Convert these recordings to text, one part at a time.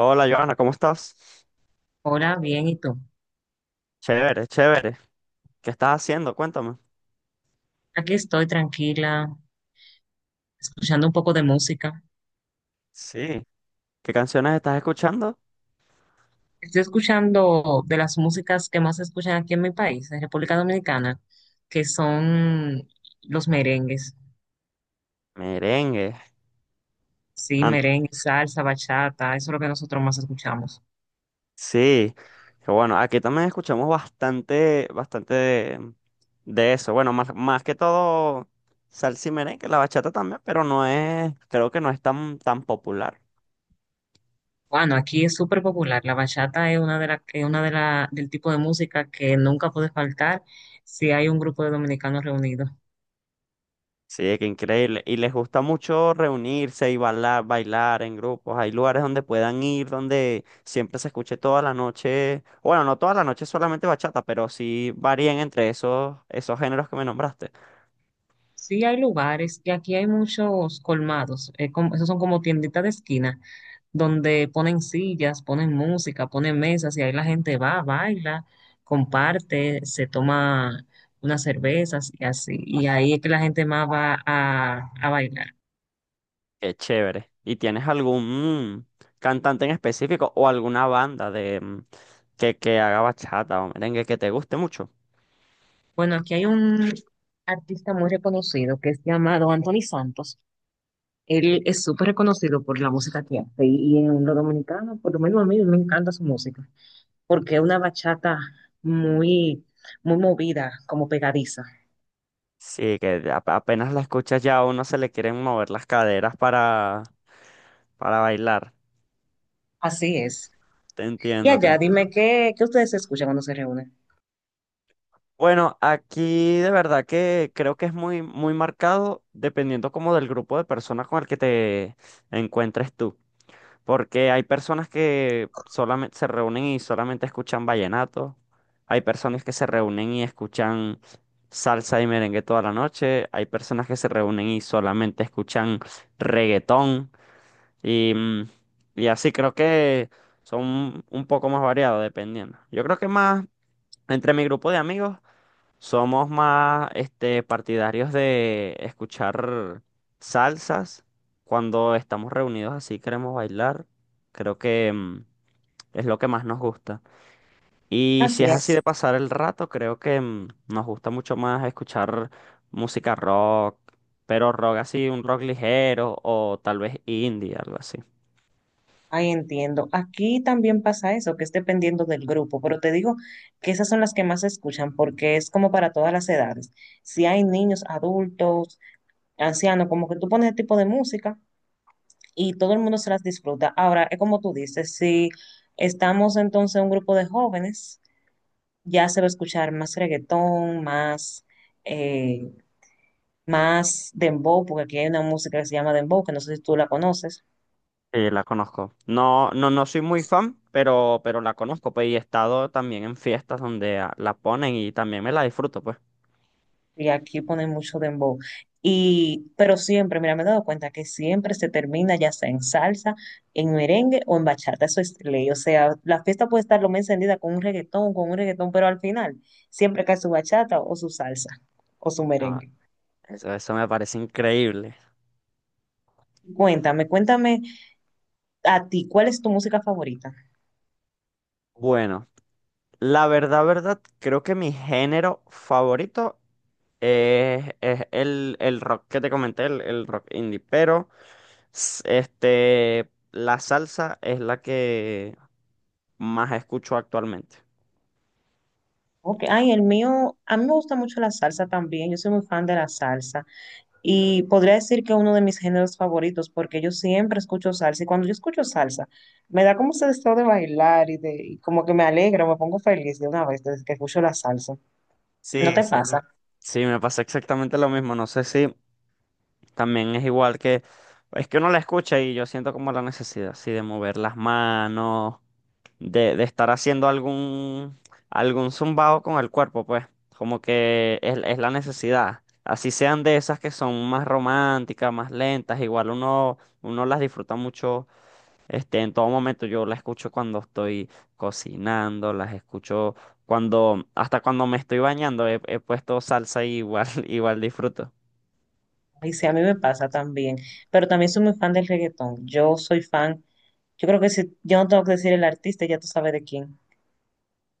Hola, Joana, ¿cómo estás? Hola, bien, ¿y tú? Chévere, chévere. ¿Qué estás haciendo? Cuéntame. Aquí estoy tranquila, escuchando un poco de música. Sí. ¿Qué canciones estás escuchando? Estoy escuchando de las músicas que más se escuchan aquí en mi país, en República Dominicana, que son los merengues. Merengue. Sí, Ant- merengue, salsa, bachata, eso es lo que nosotros más escuchamos. Sí. Que bueno, aquí también escuchamos bastante, bastante de eso. Bueno, más, más que todo salsa y merengue, la bachata también, pero no es, creo que no es tan popular. Bueno, aquí es súper popular. La bachata es una del tipo de música que nunca puede faltar si hay un grupo de dominicanos reunidos. Sí, qué increíble. Y les gusta mucho reunirse y bailar en grupos. Hay lugares donde puedan ir, donde siempre se escuche toda la noche. Bueno, no toda la noche solamente bachata, pero sí varían entre esos géneros que me nombraste. Sí, hay lugares y aquí hay muchos colmados. Esos son como tienditas de esquina donde ponen sillas, ponen música, ponen mesas y ahí la gente va, baila, comparte, se toma unas cervezas y así. Y ahí es que la gente más va a bailar. Qué chévere. ¿Y tienes algún cantante en específico o alguna banda de que haga bachata o merengue que te guste mucho? Bueno, aquí hay un artista muy reconocido que es llamado Anthony Santos. Él es súper reconocido por la música que hace y en lo dominicano, por lo menos a mí me encanta su música, porque es una bachata muy, muy movida, como pegadiza. Sí, apenas la escuchas ya a uno se le quieren mover las caderas para bailar. Así es. Te Y entiendo, te allá, dime entiendo. Qué ustedes escuchan cuando se reúnen. Bueno, aquí de verdad que creo que es muy marcado dependiendo como del grupo de personas con el que te encuentres tú. Porque hay personas que solamente se reúnen y solamente escuchan vallenato. Hay personas que se reúnen y escuchan salsa y merengue toda la noche. Hay personas que se reúnen y solamente escuchan reggaetón. Y, mm, y así creo que son un poco más variados dependiendo. Yo creo que más entre mi grupo de amigos. Somos más este, partidarios de escuchar salsas cuando estamos reunidos así, queremos bailar. Creo que es lo que más nos gusta. Y si Así es así es. de pasar el rato, creo que nos gusta mucho más escuchar música rock, pero rock así, un rock ligero o tal vez indie, algo así. Ahí entiendo. Aquí también pasa eso, que es dependiendo del grupo, pero te digo que esas son las que más se escuchan porque es como para todas las edades. Si hay niños, adultos, ancianos, como que tú pones ese tipo de música y todo el mundo se las disfruta. Ahora, es como tú dices, si estamos entonces un grupo de jóvenes, ya se va a escuchar más reggaetón, eh, más dembow, porque aquí hay una música que se llama dembow, que no sé si tú la conoces. Sí, la conozco. No soy muy fan, pero la conozco, pues, y he estado también en fiestas donde la ponen y también me la disfruto, pues. Y aquí ponen mucho dembow. Y pero siempre, mira, me he dado cuenta que siempre se termina ya sea en salsa, en merengue o en bachata. Eso es ley. O sea, la fiesta puede estar lo más encendida con un reggaetón, pero al final siempre cae su bachata o su salsa o su No, merengue. Eso me parece increíble. Cuéntame, cuéntame a ti, ¿cuál es tu música favorita? Bueno, la verdad, creo que mi género favorito el rock que te comenté, el rock indie, pero este, la salsa es la que más escucho actualmente. Ok, ay, el mío, a mí me gusta mucho la salsa también. Yo soy muy fan de la salsa. Y podría decir que uno de mis géneros favoritos, porque yo siempre escucho salsa y cuando yo escucho salsa, me da como ese estado de bailar y como que me alegra, me pongo feliz de una vez desde que escucho la salsa. ¿No Sí, te sí, me, pasa? sí, me pasa exactamente lo mismo. No sé si también es igual es que uno la escucha y yo siento como la necesidad, sí, de mover las manos. De estar haciendo algún zumbado con el cuerpo, pues, como que es la necesidad. Así sean de esas que son más románticas, más lentas, igual uno las disfruta mucho, este, en todo momento. Yo las escucho cuando estoy cocinando, las escucho cuando, hasta cuando me estoy bañando, he puesto salsa y igual, igual disfruto. Y sí, a mí me pasa también, pero también soy muy fan del reggaetón. Yo soy fan, yo creo que si yo no tengo que decir el artista, ya tú sabes de quién.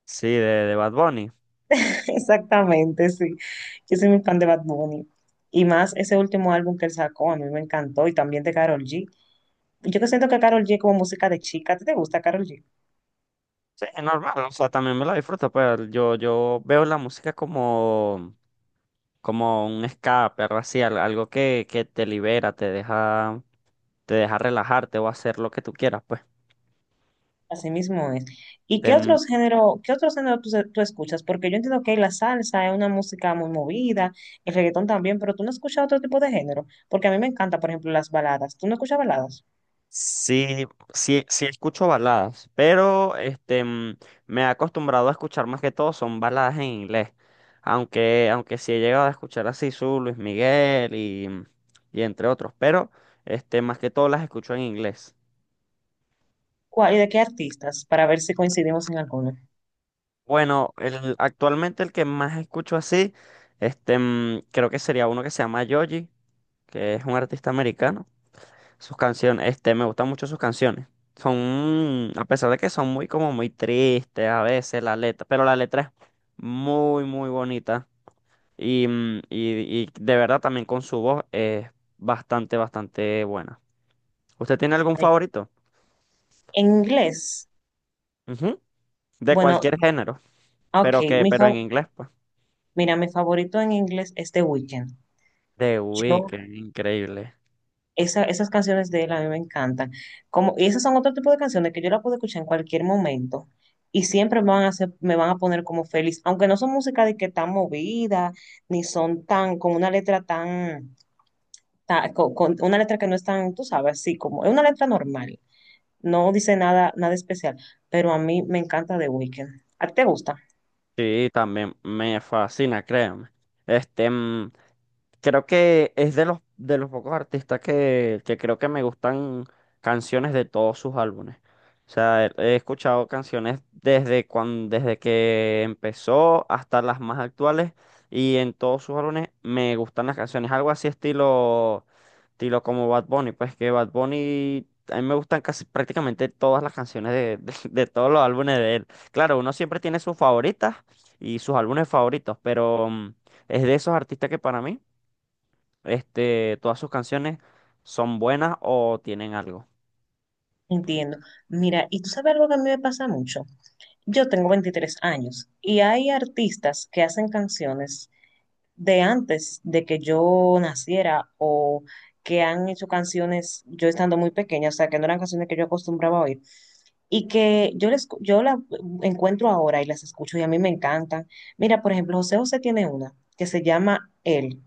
Sí, de Bad Bunny. Exactamente, sí. Yo soy muy fan de Bad Bunny. Y más ese último álbum que él sacó, a mí me encantó, y también de Karol G. Yo que siento que Karol G es como música de chica, ¿a ti te gusta Karol G? Sí, es normal, o sea, también me la disfruto, pero yo veo la música como como un escape, algo así, algo que te libera, te deja relajarte o hacer lo que tú quieras, pues. Así mismo es. ¿Y qué Em, otros género, tú escuchas? Porque yo entiendo que la salsa es una música muy movida, el reggaetón también, pero tú no escuchas otro tipo de género. Porque a mí me encanta, por ejemplo, las baladas. ¿Tú no escuchas baladas? sí, sí escucho baladas, pero este, me he acostumbrado a escuchar más que todo son baladas en inglés, aunque sí he llegado a escuchar así su Luis Miguel y, y entre otros, pero este, más que todo las escucho en inglés. ¿Cuál, y de qué artistas? Para ver si coincidimos en alguno. Bueno, actualmente el que más escucho así, este, creo que sería uno que se llama Yoji que es un artista americano. Sus canciones, este, me gustan mucho sus canciones. Son, a pesar de que son muy como muy tristes a veces la letra, pero la letra es muy bonita. Y de verdad también con su voz es bastante buena. ¿Usted tiene algún Ay, favorito? en inglés, Ujú. De bueno, cualquier género, ok, pero en inglés, pues. mira, mi favorito en inglés es The Weeknd. The Yo Weeknd, increíble. Esa- esas canciones de él a mí me encantan. Como, y esas son otro tipo de canciones que yo la puedo escuchar en cualquier momento y siempre me van a hacer, me van a poner como feliz, aunque no son música de que tan movida, ni son tan, con una letra tan, una letra que no es tan, tú sabes, así como, es una letra normal, no dice nada, nada especial, pero a mí me encanta The Weeknd. ¿A ti te gusta? Sí, también me fascina, créanme. Este, mm, Creo que es de de los pocos artistas que creo que me gustan canciones de todos sus álbumes. O sea, he escuchado canciones desde que empezó hasta las más actuales y en todos sus álbumes me gustan las canciones. Algo así estilo como Bad Bunny. Pues que Bad Bunny, a mí me gustan casi prácticamente todas las canciones de todos los álbumes de él. Claro, uno siempre tiene sus favoritas y sus álbumes favoritos, pero es de esos artistas que para mí... Este, todas sus canciones son buenas o tienen algo. Entiendo. Mira, y tú sabes algo que a mí me pasa mucho. Yo tengo 23 años y hay artistas que hacen canciones de antes de que yo naciera o que han hecho canciones yo estando muy pequeña, o sea, que no eran canciones que yo acostumbraba a oír y que yo la encuentro ahora y las escucho y a mí me encantan. Mira, por ejemplo, José José tiene una que se llama Él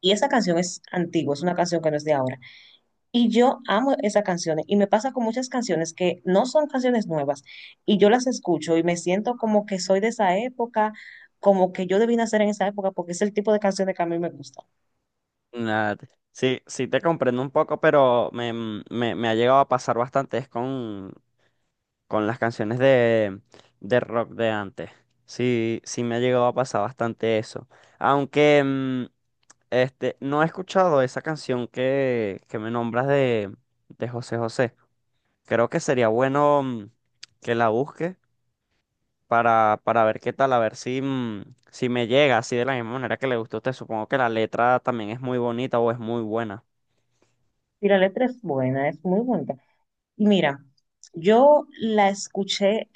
y esa canción es antigua, es una canción que no es de ahora y yo amo esas canciones y me pasa con muchas canciones que no son canciones nuevas y yo las escucho y me siento como que soy de esa época, como que yo debí nacer en esa época porque es el tipo de canciones que a mí me gusta. Nada, te- sí, sí te comprendo un poco, pero me ha llegado a pasar bastante es con las canciones de rock de antes. Sí, sí me ha llegado a pasar bastante eso. Aunque este, no he escuchado esa canción que me nombras de José José. Creo que sería bueno que la busques para ver qué tal, a ver si, si me llega así de la misma manera que le gustó a usted. Supongo que la letra también es muy bonita o es muy buena. Y la letra es buena, es muy bonita. Y mira, yo la escuché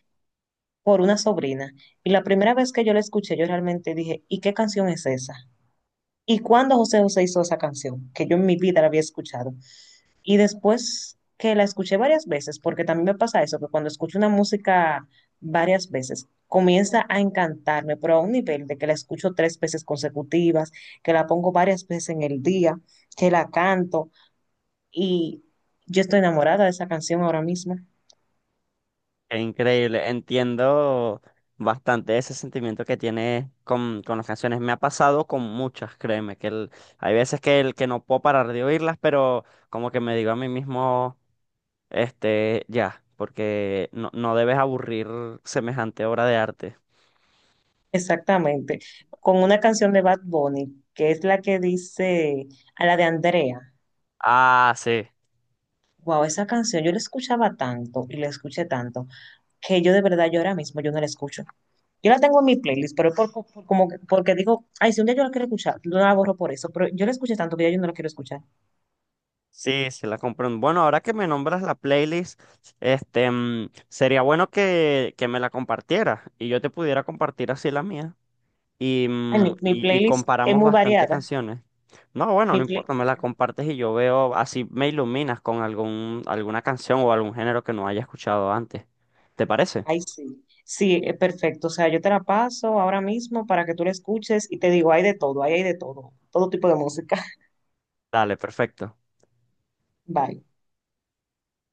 por una sobrina y la primera vez que yo la escuché yo realmente dije, ¿y qué canción es esa? ¿Y cuándo José José hizo esa canción? Que yo en mi vida la había escuchado. Y después que la escuché varias veces, porque también me pasa eso, que cuando escucho una música varias veces, comienza a encantarme, pero a un nivel de que la escucho 3 veces consecutivas, que la pongo varias veces en el día, que la canto y yo estoy enamorada de esa canción ahora mismo. Es increíble, entiendo bastante ese sentimiento que tiene con las canciones. Me ha pasado con muchas, créeme, hay veces que no puedo parar de oírlas, pero como que me digo a mí mismo, este, ya, porque no debes aburrir semejante obra de arte. Exactamente, con una canción de Bad Bunny, que es la que dice a la de Andrea. Ah, sí. Wow, esa canción yo la escuchaba tanto y la escuché tanto que yo de verdad yo ahora mismo yo no la escucho. Yo la tengo en mi playlist, pero porque digo, ay, si un día yo la quiero escuchar, no la borro por eso, pero yo la escuché tanto que ya yo no la quiero escuchar. Sí, sí la compré. Bueno, ahora que me nombras la playlist, este, sería bueno que me la compartieras y yo te pudiera compartir así la mía Ay, mi y playlist es comparamos muy bastante variada. canciones. No, bueno, Mi no play, importa, me la compartes y yo veo, así me iluminas con algún, alguna canción o algún género que no haya escuchado antes. ¿Te parece? Ay, sí. Sí, perfecto. O sea, yo te la paso ahora mismo para que tú la escuches y te digo, hay de todo, ahí hay de todo, todo tipo de música. Dale, perfecto. Bye.